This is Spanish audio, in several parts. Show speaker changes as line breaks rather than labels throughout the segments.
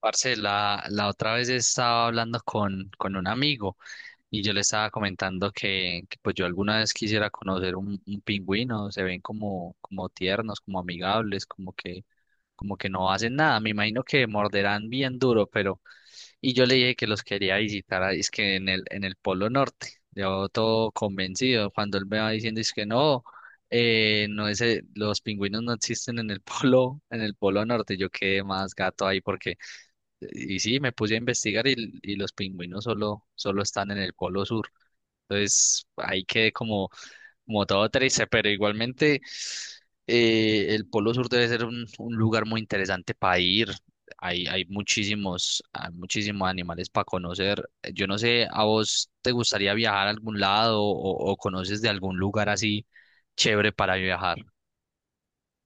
Parce, la otra vez estaba hablando con un amigo y yo le estaba comentando que yo alguna vez quisiera conocer un pingüino, se ven como tiernos, como amigables, como que no hacen nada, me imagino que morderán bien duro, pero, y yo le dije que los quería visitar, ahí, es que en el Polo Norte, yo todo convencido, cuando él me va diciendo es que no, no es, los pingüinos no existen en el polo, en el Polo Norte. Yo quedé más gato ahí porque y sí, me puse a investigar y los pingüinos solo están en el Polo Sur. Entonces ahí quedé como, como todo triste, pero igualmente el Polo Sur debe ser un lugar muy interesante para ir. Hay muchísimos animales para conocer. Yo no sé, ¿a vos te gustaría viajar a algún lado o conoces de algún lugar así chévere para viajar?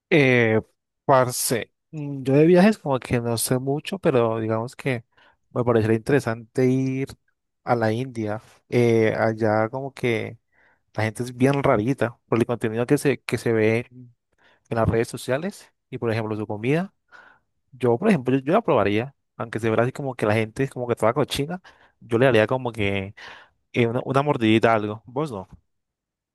Eh, parce, yo de viajes como que no sé mucho, pero digamos que me parecería interesante ir a la India. Allá como que la gente es bien rarita por el contenido que se ve en las redes sociales y por ejemplo su comida. Yo, por ejemplo, yo la probaría, aunque se vea así como que la gente es como que toda cochina, yo le daría como que una mordidita a algo. ¿Vos no?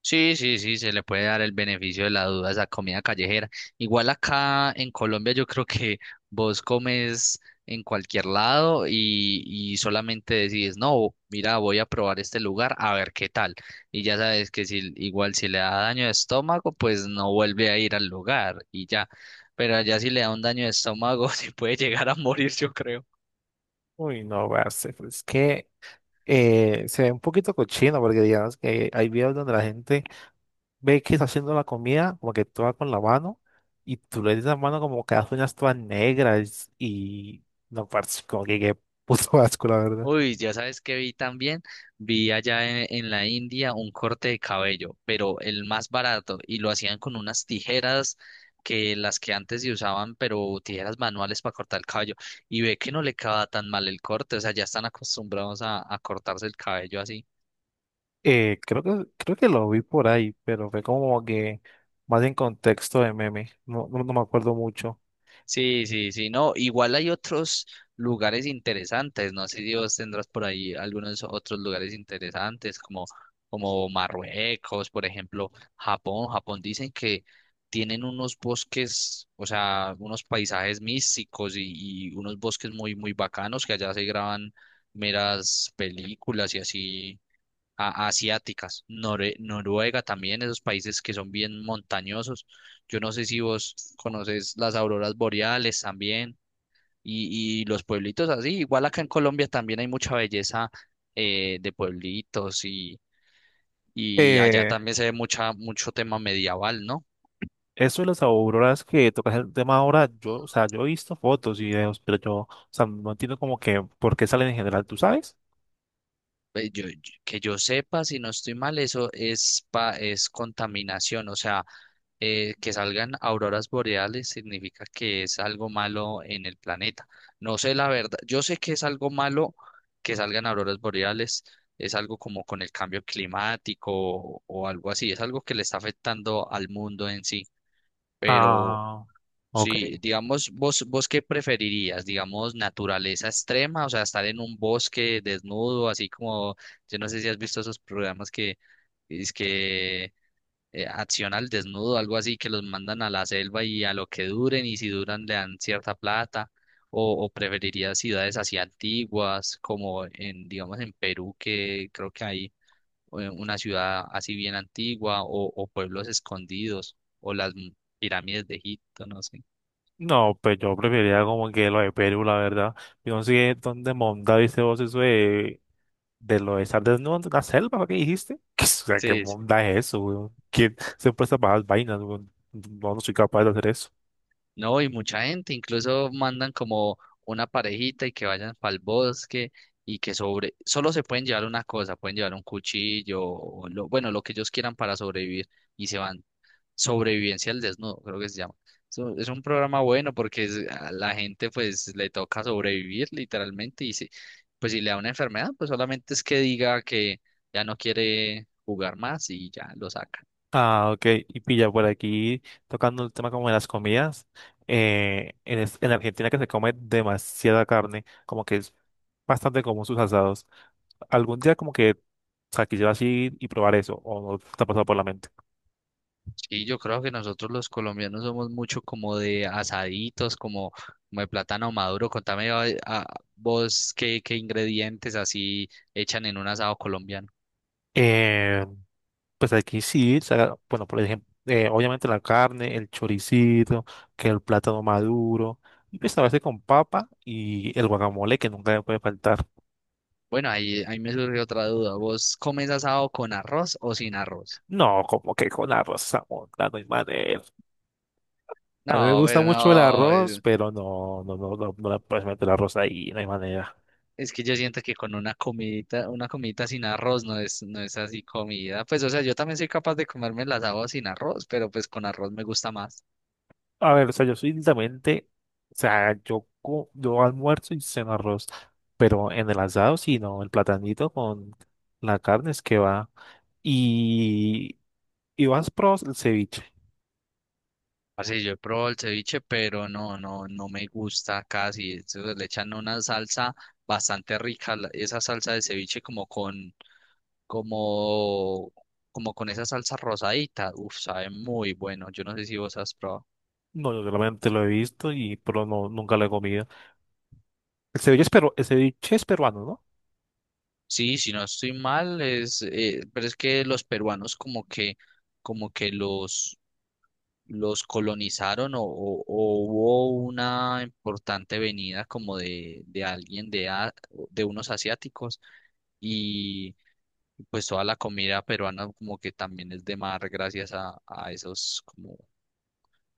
Sí, sí, sí, se le puede dar el beneficio de la duda a esa comida callejera. Igual acá en Colombia yo creo que vos comes en cualquier lado y solamente decides, no, mira, voy a probar este lugar a ver qué tal. Y ya sabes que si igual si le da daño de estómago, pues no vuelve a ir al lugar y ya. Pero allá si le da un daño de estómago, se puede llegar a morir, yo creo.
Uy, no, parce, pues es que se ve un poquito cochino porque digamos que hay videos donde la gente ve que está haciendo la comida, como que toda con la mano, y tú le dices la mano como que hace unas todas negras y no parece como que qué puto asco, la verdad.
Uy, ya sabes que vi también, vi allá en la India un corte de cabello, pero el más barato, y lo hacían con unas tijeras que las que antes se usaban, pero tijeras manuales para cortar el cabello, y ve que no le queda tan mal el corte, o sea, ya están acostumbrados a cortarse el cabello así.
Creo que lo vi por ahí, pero fue como que más en contexto de meme, no me acuerdo mucho.
Sí, sí, sí, no, igual hay otros lugares interesantes, no sé si vos tendrás por ahí algunos otros lugares interesantes como, como Marruecos, por ejemplo, Japón. Japón dicen que tienen unos bosques, o sea, unos paisajes místicos y unos bosques muy bacanos, que allá se graban meras películas y así asiáticas. Noruega también, esos países que son bien montañosos. Yo no sé si vos conoces las auroras boreales también y los pueblitos así. Igual acá en Colombia también hay mucha belleza de pueblitos y allá
Eh,
también se ve mucho tema medieval, ¿no?
eso de las auroras que tocas el tema ahora, o sea, yo he visto fotos y videos, pero o sea, no entiendo como que por qué salen en general, ¿tú sabes?
Que yo sepa, si no estoy mal, eso es, es contaminación, o sea, que salgan auroras boreales significa que es algo malo en el planeta. No sé la verdad, yo sé que es algo malo que salgan auroras boreales, es algo como con el cambio climático o algo así, es algo que le está afectando al mundo en sí, pero
Ah, ok.
sí. Digamos, vos qué preferirías, digamos, naturaleza extrema, o sea, estar en un bosque desnudo, así como, yo no sé si has visto esos programas que... Es que acción al desnudo, algo así, que los mandan a la selva y a lo que duren, y si duran le dan cierta plata, o preferiría ciudades así antiguas, como en, digamos, en Perú, que creo que hay una ciudad así bien antigua, o pueblos escondidos, o las pirámides de Egipto, no sé.
No, pues yo preferiría como que lo de Perú, la verdad. Yo no sé dónde monda dice vos eso de lo de estar desnudo en una selva, ¿lo que dijiste? O sea, ¿qué
Sí.
monda es eso, weón? ¿Quién se presta para esas vainas, weón? No, no soy capaz de hacer eso.
No, y mucha gente, incluso mandan como una parejita y que vayan para el bosque y que sobre, solo se pueden llevar una cosa, pueden llevar un cuchillo o lo, bueno, lo que ellos quieran para sobrevivir y se van. Sobrevivencia al desnudo, creo que se llama. Es un programa bueno porque a la gente pues le toca sobrevivir literalmente y si, pues si le da una enfermedad, pues solamente es que diga que ya no quiere jugar más y ya lo saca.
Ah, ok. Y pilla por aquí, tocando el tema como de las comidas. En Argentina que se come demasiada carne, como que es bastante común sus asados. Algún día como que, o sea, quisiera así y probar eso, o no te ha pasado por la mente.
Sí, yo creo que nosotros los colombianos somos mucho como de asaditos, como, como de plátano maduro. Contame a vos qué ingredientes así echan en un asado colombiano.
Pues aquí sí, bueno, por ejemplo, obviamente la carne, el choricito, que el plátano maduro, y pues a veces con papa y el guacamole que nunca me puede faltar.
Bueno, ahí, ahí me surge otra duda. ¿Vos comes asado con arroz o sin arroz?
No, como que con arroz Zamunda, no hay manera. A mí me
No,
gusta
pero
mucho el
no,
arroz, pero no le puedes meter arroz ahí, no hay manera.
es que yo siento que con una comidita sin arroz no es, no es así comida. Pues, o sea, yo también soy capaz de comerme el asado sin arroz, pero pues con arroz me gusta más.
A ver, o sea, yo soy literalmente, o sea, yo, co- yo almuerzo y ceno arroz, pero en el asado sí, no, el platanito con la carne es que va. ¿Y vas probado el ceviche?
Así yo he probado el ceviche, pero no, no, no me gusta casi. Eso le echan una salsa bastante rica, esa salsa de ceviche como con, como, como con esa salsa rosadita. Uf, sabe muy bueno. Yo no sé si vos has probado.
No, yo realmente lo he visto y pero no nunca lo he comido. El ceviche es peruano, ¿no?
Sí, si no estoy mal, es, pero es que los peruanos como que los colonizaron, o hubo una importante venida como de alguien de unos asiáticos y pues toda la comida peruana como que también es de mar gracias a esos como,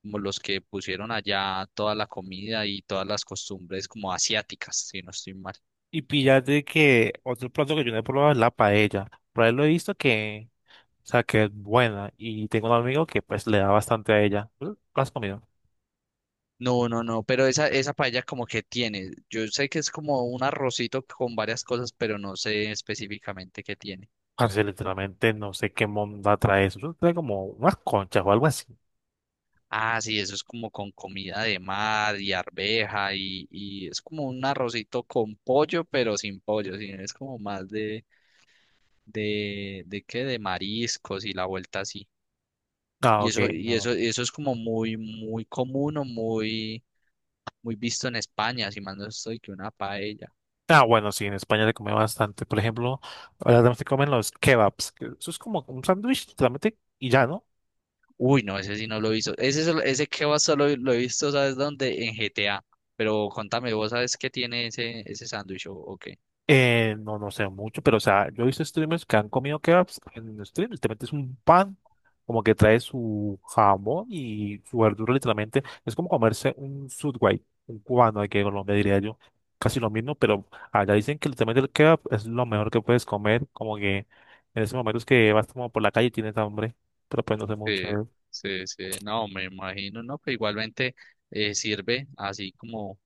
como los que pusieron allá toda la comida y todas las costumbres como asiáticas, si no estoy mal.
Y píllate que otro plato que yo no he probado es la paella. Por ahí lo he visto que, o sea, que es buena. Y tengo un amigo que pues le da bastante a ella. ¿Tú ¿Lo has comido?
No, no, no, pero esa paella como que tiene, yo sé que es como un arrocito con varias cosas, pero no sé específicamente qué tiene.
Parce, literalmente no sé qué monda trae eso. Eso trae como unas conchas o algo así.
Ah, sí, eso es como con comida de mar y arveja y es como un arrocito con pollo, pero sin pollo, sí, es como más de qué, de mariscos y la vuelta así.
Ah,
Y
ok,
eso, y
no.
eso, y eso es como muy común o muy visto en España, si más no estoy que una paella.
Ah, bueno, sí, en España se come bastante. Por ejemplo, ahora también se comen los kebabs. Que Eso es como un sándwich, literalmente, y ya, ¿no?
Uy, no, ese sí no lo he visto. Ese, ese va solo lo he visto, ¿sabes dónde? En GTA. Pero contame, ¿vos sabes qué tiene ese sándwich o qué?
No, no sé mucho, pero, o sea, yo he visto streamers que han comido kebabs en stream. Literalmente es un pan, como que trae su jamón y su verdura, literalmente. Es como comerse un Subway, un cubano aquí en Colombia, diría yo. Casi lo mismo, pero allá dicen que literalmente el kebab es lo mejor que puedes comer. Como que en ese momento es que vas como por la calle y tienes hambre, pero pues no sé mucho.
Sí, sí, sí, no, me imagino, no, pero igualmente sirve así como,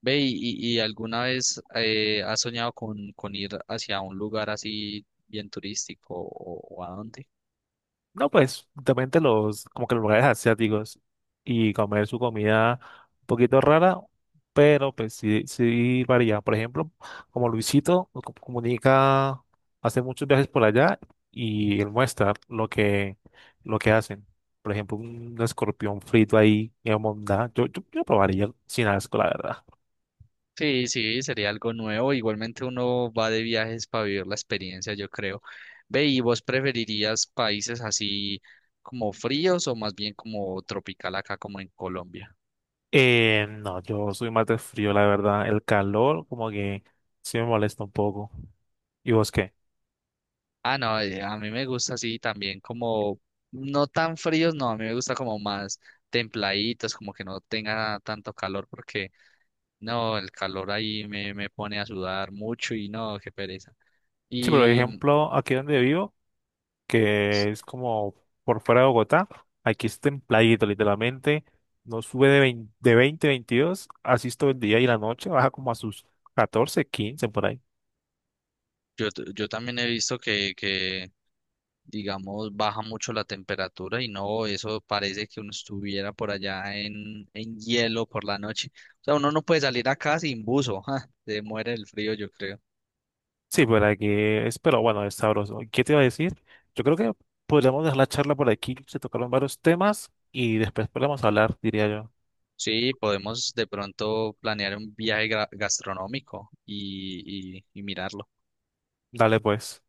ve, y alguna vez has soñado con ir hacia un lugar así bien turístico, o a dónde?
No, pues, justamente los, como que los lugares asiáticos y comer su comida un poquito rara, pero pues sí, sí varía. Por ejemplo, como Comunica, hace muchos viajes por allá y él muestra lo que hacen. Por ejemplo, un escorpión frito ahí en Mondá. Yo probaría sin asco, la verdad.
Sí, sí, sería algo nuevo, igualmente uno va de viajes para vivir la experiencia, yo creo. Ve, ¿y vos preferirías países así como fríos o más bien como tropical acá como en Colombia?
No, yo soy más de frío, la verdad. El calor como que sí me molesta un poco. ¿Y vos qué?
Ah, no, a mí me gusta así también como, no tan fríos, no, a mí me gusta como más templaditos, como que no tenga tanto calor, porque no, el calor ahí me, me pone a sudar mucho y no, qué pereza.
Sí, por
Y
ejemplo, aquí donde vivo, que es como por fuera de Bogotá, aquí es templadito, literalmente, no sube de 20 22 así es todo el día y la noche, baja como a sus 14 15 por ahí.
yo, yo también he visto que, digamos, baja mucho la temperatura y no, eso parece que uno estuviera por allá en hielo por la noche. O sea, uno no puede salir acá sin buzo, ja, se muere el frío, yo creo.
Sí, por aquí es, pero bueno, es sabroso. ¿Y qué te iba a decir? Yo creo que podríamos dejar la charla por aquí, se tocaron varios temas y después podemos hablar, diría yo.
Sí, podemos de pronto planear un viaje gastronómico y mirarlo.
Dale pues.